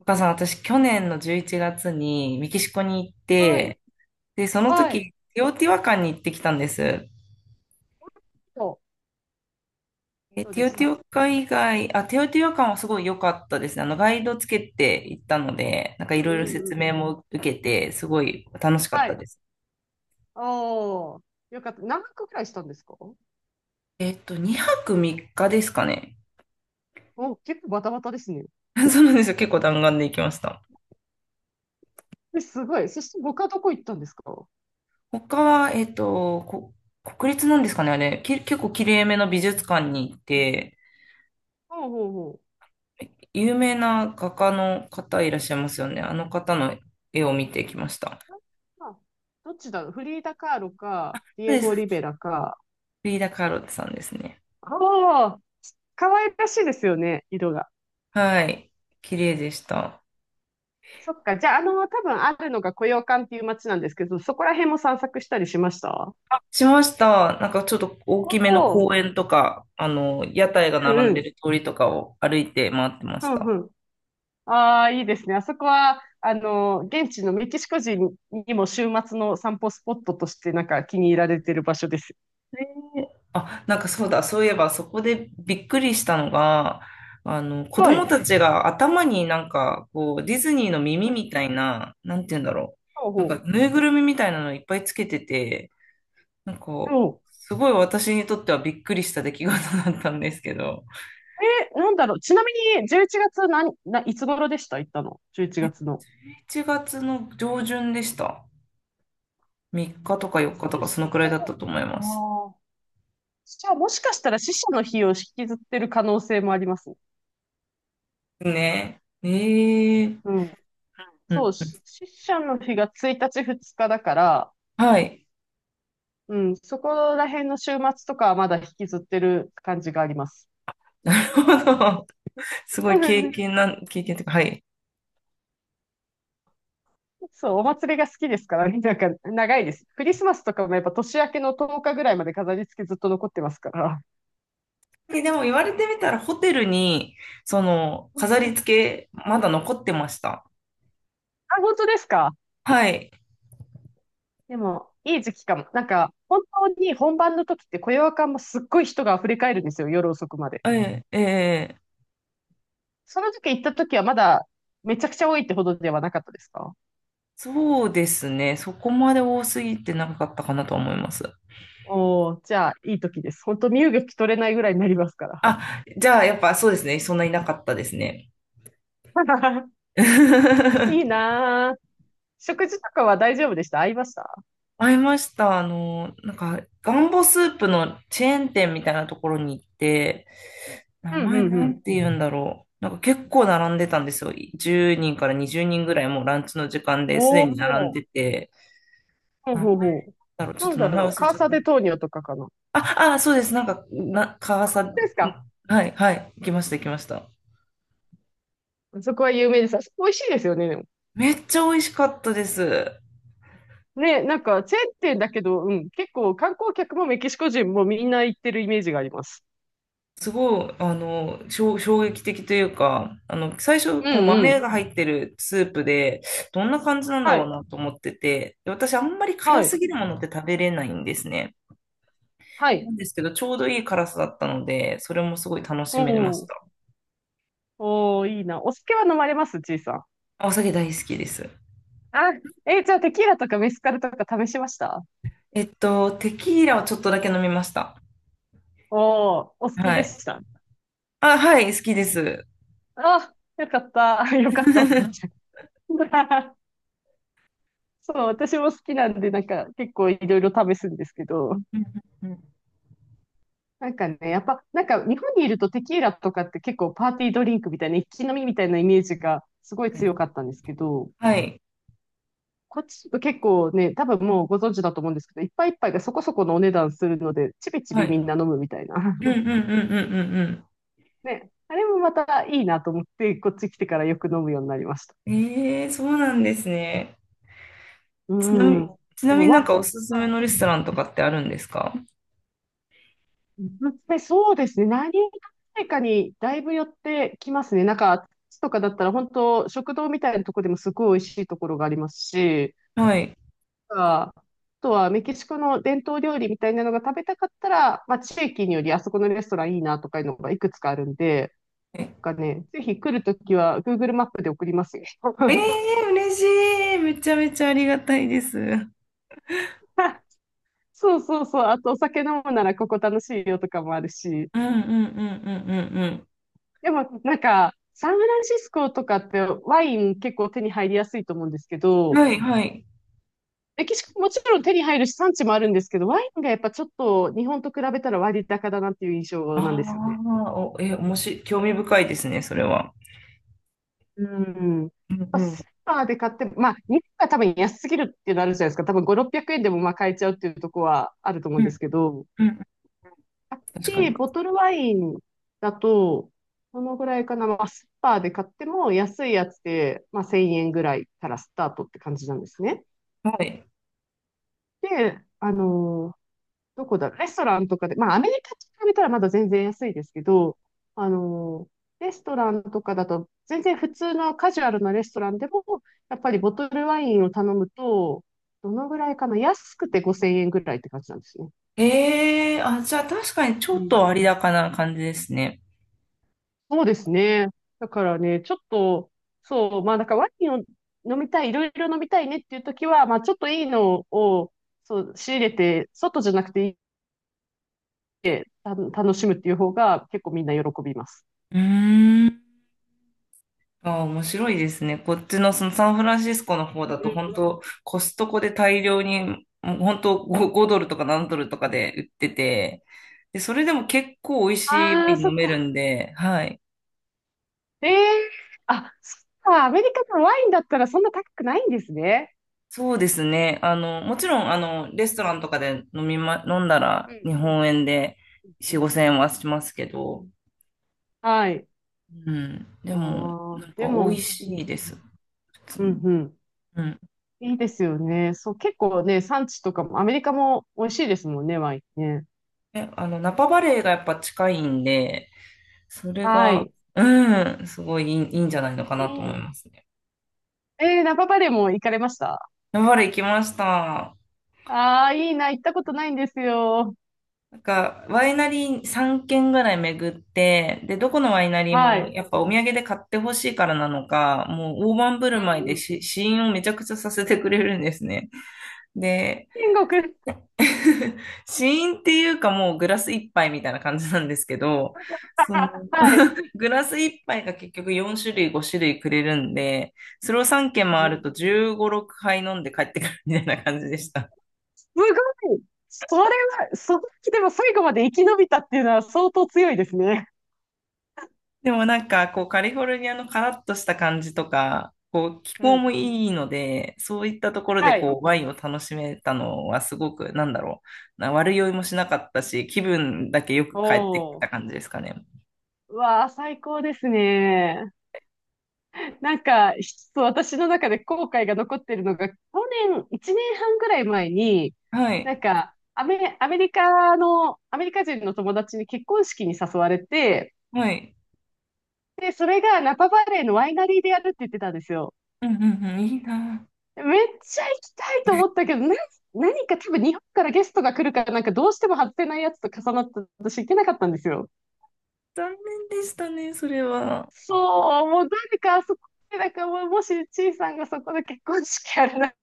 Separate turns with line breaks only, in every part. お母さん、私、去年の11月にメキシコに行っ
は
て、
い。
で、その
はい。
時、ティオティワカンに行ってきたんです。
そう。
え、
どう
テ
で
ィ
し
オティワ
た？
カン以外、あ、ティオティワカンはすごい良かったですね。ガイドつけて行ったので、なんか
う
い
ん
ろ
う
い
ん
ろ
う
説
ん。
明も受けて、すごい楽しかっ
は
たで
い。
す。
おー。よかった。何泊くらいしたんですか？
2泊3日ですかね。
お、結構バタバタですね。
そうなんですよ。結構弾丸で行きました。
え、すごい。そして他どこ行ったんですか？ほ
他は、国立なんですかね、あれ。結構綺麗めの美術館に行って、
うほうほう。
有名な画家の方いらっしゃいますよね。あの方の絵を見てきました。
あ、まあ、どっちだろう、フリーダ・カーロか、ディ
そう
エ
です。
ゴ・リベ
フ
ラか。
リーダ・カーロットさんですね。
ああ、可愛らしいですよね、色が。
はい。綺麗でした。
そっか。じゃあ、多分あるのがコヨーカンっていう街なんですけど、そこら辺も散策したりしました？
しました。なんかちょっと大
お
きめの
お
公
ー。
園とか、屋台が
うん
並
う
んで
ん。
る通りとかを歩いて回ってま
う
した。
ん。ああ、いいですね。あそこは、現地のメキシコ人にも週末の散歩スポットとしてなんか気に入られてる場所です。
あ、なんかそうだ、そういえばそこでびっくりしたのが、子
は
供
い。
たちが頭になんか、こう、ディズニーの耳
うん、
みたいな、なんて言うんだろ
ほう
う。なんか、
ほ
ぬいぐるみみたいなのいっぱいつけてて、なんか、
う。そ
すごい私にとってはびっくりした出来事だったんですけど、
う。え、なんだろう。ちなみに、11月いつ頃でした？行ったの？ 11 月の。
7月の上旬でした。3日とか
も
4
し
日と
か
か
し
そのくら
た
い
ら、
だったと思います。
ああ、じゃあもしかしたら死者の日を引きずってる可能性もあります。
ね。ええー。
うん。
う
そ
ん。
う、死者の日が1日、2日だから、
はい。
うん、そこら辺の週末とかはまだ引きずってる感じがあります。
なるほど。すごい経験というか、はい。
そう、お祭りが好きですからね。なんか、長いです。クリスマスとかもやっぱ年明けの10日ぐらいまで飾り付けずっと残ってますから。
で、でも言われてみたらホテルに、その、
うん。
飾り付け、まだ残ってました。
あ、本当ですか？
はい。
でも、いい時期かも。なんか、本当に本番の時って、雇用感もすっごい人が溢れ返るんですよ、夜遅くまで。
ええええ、
その時行った時はまだ、めちゃくちゃ多いってほどではなかったですか？
そうですね。そこまで多すぎてなかったかなと思います。
おおー、じゃあ、いい時です。本当、身動き取れないぐらいになりますから。
あ、じゃあ、やっぱそうですね。そんなになかったですね。
いい なぁ。食事とかは大丈夫でした？合いました？
会いました。なんか、ガンボスープのチェーン店みたいなところに行って、名
うん、う
前
ん、う
な
ん。
んて言うんだろう。なんか結構並んでたんですよ。10人から20人ぐらいもうランチの時間ですで
お
に並ん
お。
でて。
ほう
名前
ほうほ
だろう。
う。
ちょっ
なん
と
だ
名前
ろう。
忘れ
カ
ち
ー
ゃっ
サ
たん
デ
です。
トーニョとかかな。
あ、あ、そうです。川崎、
ですか？
はい、はい。行きました、行きました。
そこは有名です。あそこ美味しいですよね、でも。
めっちゃ美味しかったです。
ね、なんか、チェーン店だけど、うん、結構観光客もメキシコ人もみんな行ってるイメージがあります。
すごい、衝撃的というか、最初、
う
こう、
んう
豆
ん。
が入ってるスープで、どんな感じなんだ
は
ろう
い。
なと思ってて、で私、あんまり辛
はい。
すぎるものって食べれないんですね。
は
な
い。
んですけど、ちょうどいい辛さだったので、それもすごい楽しめまし
おー。
た。
おー、いいな。お酒は飲まれます？ちいさん。
お酒大好きです。
あ、えー、じゃあテキーラとかメスカルとか試しました？
テキーラをちょっとだけ飲みました。
おー、お好き
は
で
い。
した？
あ、はい、好きです。
あ、よかった。よかったとか言っちゃ う。そう、私も好きなんで、なんか結構いろいろ試すんですけど、
うんうんうん。
なんかね、やっぱ、なんか日本にいるとテキーラとかって結構パーティードリンクみたいな、一気飲みみたいなイメージがすごい強か ったんですけど、
はい。
こっちだと結構ね、多分もうご存知だと思うんですけど、いっぱいいっぱいがそこそこのお値段するので、ちびち
は
び
い。
みんな飲むみたいな。
うんうん うんうんうん
ね、あれもまたいいなと思って、こっち来てからよく飲むようになりました。
うん。ええ、そうなんですね。
う
ちなみに、
ん。
ち
で
なみ
も、
になんか
わ、
おすすめのレストランとかってあるんですか？
で、まねそうですね。何がかにだいぶ寄ってきますね。なんか、とかだったら本当、食堂みたいなとこでもすごい美味しいところがありますし、
はい。
あとはメキシコの伝統料理みたいなのが食べたかったら、まあ、地域によりあそこのレストランいいなとかいうのがいくつかあるんで、
え
なんかね、ぜひ来るときは Google マップで送りますよ。
えー、嬉しい。めちゃめちゃありがたいです。うん
そうそうそう。あとお酒飲むならここ楽しいよとかもあるし。
うんうんうんうん
でも、なんか、サンフランシスコとかってワイン結構手に入りやすいと思うんですけ
うん。
ど、
はいはい。
メキシコもちろん手に入るし産地もあるんですけど、ワインがやっぱちょっと日本と比べたら割高だなっていう印象なん
あ
ですよね。
あ、お、え、もし、興味深いですね、それは。
うん。ま
うん
あ
う
スー
ん
パーで買って、まあ、日本が多分安すぎるっていうのあるじゃないですか。多分5、600円でもまあ買えちゃうっていうところはあると思う
う
んです
ん
けど、
うん、確か
で、
に。
ボトルワインだと、このぐらいかな、まあ、スーパーで買っても安いやつで、まあ、1000円ぐらいからスタートって感じなんですね。
はい。
で、どこだろう、レストランとかで、まあ、アメリカと比べたらまだ全然安いですけど、あの、レストランとかだと、全然普通のカジュアルなレストランでも、やっぱりボトルワインを頼むと、どのぐらいかな、安くて5000円ぐらいって感じなんですね。
ええ、あ、じゃあ確かにちょ
う
っと
ん。
割高な感じですね。
そうですね。だからね、ちょっと、そう、まあ、だからワインを飲みたい、いろいろ飲みたいねっていう時は、まあ、ちょっといいのを、そう、仕入れて、外じゃなくて楽しむっていう方が結構みんな喜びます。
うーん。ああ、面白いですね。こっちのそのサンフランシスコの方だと本当コストコで大量に、もう本当5、ドルとか何ドルとかで売ってて、で、それでも結構美味しいワ
ああー、
イン
そっ
飲める
か。
んで、はい。
ええ、あ、そっか。アメリカのワインだったらそんな高くないんですね。
そうですね。もちろん、レストランとかで飲みま、飲んだ
う
ら
ん
日本円で
う
4、
ん。
5千円はしますけど、
はい。
うん。でも、
あ
な
あ、
ん
で
か美味
も、い
し
い。
いです、普通
うん
に。
うん。
うん。
いいですよね。そう、結構ね、産地とかも、アメリカも美味しいですもんね、ワインね。
え、あの、ナパバレーがやっぱ近いんで、それ
は
が、
い。
うん、すごいいいいいんじゃないのか
い
なと
いな。
思いますね。
えー、ナパバレーも行かれました？
山原行きました。
ああー、いいな。行ったことないんですよ。
なんか、ワイナリー3軒ぐらい巡って、で、どこのワイナリー
はい。
も
う
やっぱお土産で買ってほしいからなのか、もう大盤振る舞いで
ん。
試飲をめちゃくちゃさせてくれるんですね。で、
天国。
死因っていうかもうグラス一杯みたいな感じなんですけど、その
はい。
グラス一杯が結局4種類5種類くれるんで、それを3軒回ると15、6杯飲んで帰ってくるみたいな感じでした。
ごい。それは、その時でも最後まで生き延びたっていうのは相当強いですね。
でもなんかこうカリフォルニアのカラッとした感じとか、こう気
う
候
ん。
もいいので、そういったところで
はい。
こうワインを楽しめたのはすごくなんだろう、悪酔いもしなかったし、気分だけよく帰ってき
おー。
た感じですかね。
うわあ、最高ですね。なんか、一つ私の中で後悔が残ってるのが、去年、1年半ぐらい前に、
はい。
なんか、アメリカ人の友達に結婚式に誘われて、
はい。
で、それがナパバレーのワイナリーでやるって言ってたんですよ。
うんうんうん、いいなぁ。
めっちゃ行きたいと思ったけど、な、何か多分日本からゲストが来るから、なんかどうしても外せないやつと重なって、私行けなかったんですよ。
残念でしたね、それは。
そう、もう誰かあそこで、なんかもうもしちいさんがそこで結婚式やるなら、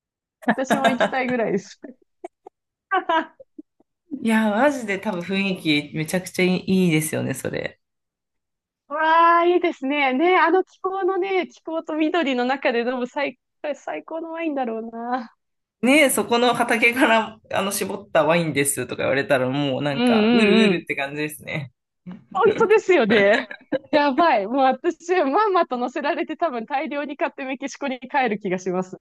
私も行きたいぐらいです。
いや、マジで多分雰囲気めちゃくちゃいいですよね、それ。
わあ、いいですね。ね、あの気候のね、気候と緑の中で飲む最高のワインだろうな。
ねえ、そこの畑からあの絞ったワインですとか言われたらもうな
うん
んか、うるう
うんう
る
ん。
って感じですね。
本当ですよね。やばい。もう私、まんまと乗せられて多分大量に買ってメキシコに帰る気がします。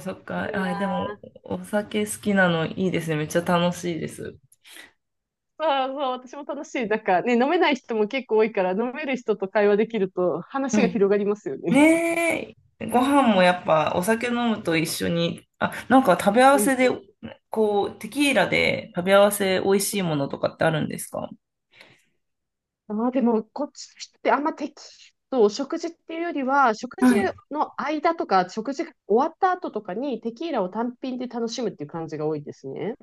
そっ
い
か、
い
あ、でも
な
お酒好きなのいいですね、めっちゃ楽しいです。
ぁ。そうそう、私も楽しい。なんかね、飲めない人も結構多いから、飲める人と会話できると
う
話が
ん。
広がりますよね。
ねえ、ご飯もやっぱお酒飲むと一緒に、あ、なんか食べ 合わ
うん。
せで、こう、テキーラで食べ合わせ美味しいものとかってあるんですか？
ああ、でも、こっちの人ってあんま適当、食事っていうよりは、食事
はい。
の間とか、食事が終わった後とかにテキーラを単品で楽しむっていう感じが多いですね。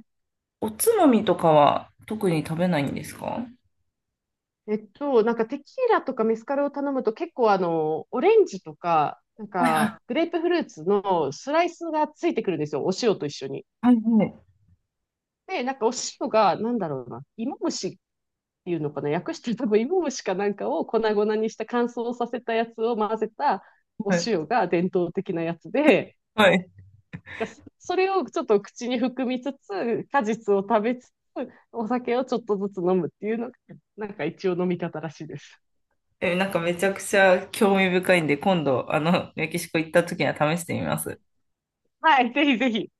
おつまみとかは特に食べないんですか？
なんかテキーラとかメスカルを頼むと結構オレンジとか、なん
はいは
か、グ
い
レープフルーツのスライスがついてくるんですよ。お塩と一緒に。
はい。
で、なんかお塩が、なんだろうな、芋虫ていうのかな、訳して多分芋虫かなんかを粉々にした乾燥させたやつを混ぜたお
はい。
塩が伝統的なやつで、
はい。
それをちょっと口に含みつつ、果実を食べつつ、お酒をちょっとずつ飲むっていうのが、なんか一応飲み方らしいです。
なんかめちゃくちゃ興味深いんで、今度、メキシコ行った時には試してみます。
はい、ぜひぜひ。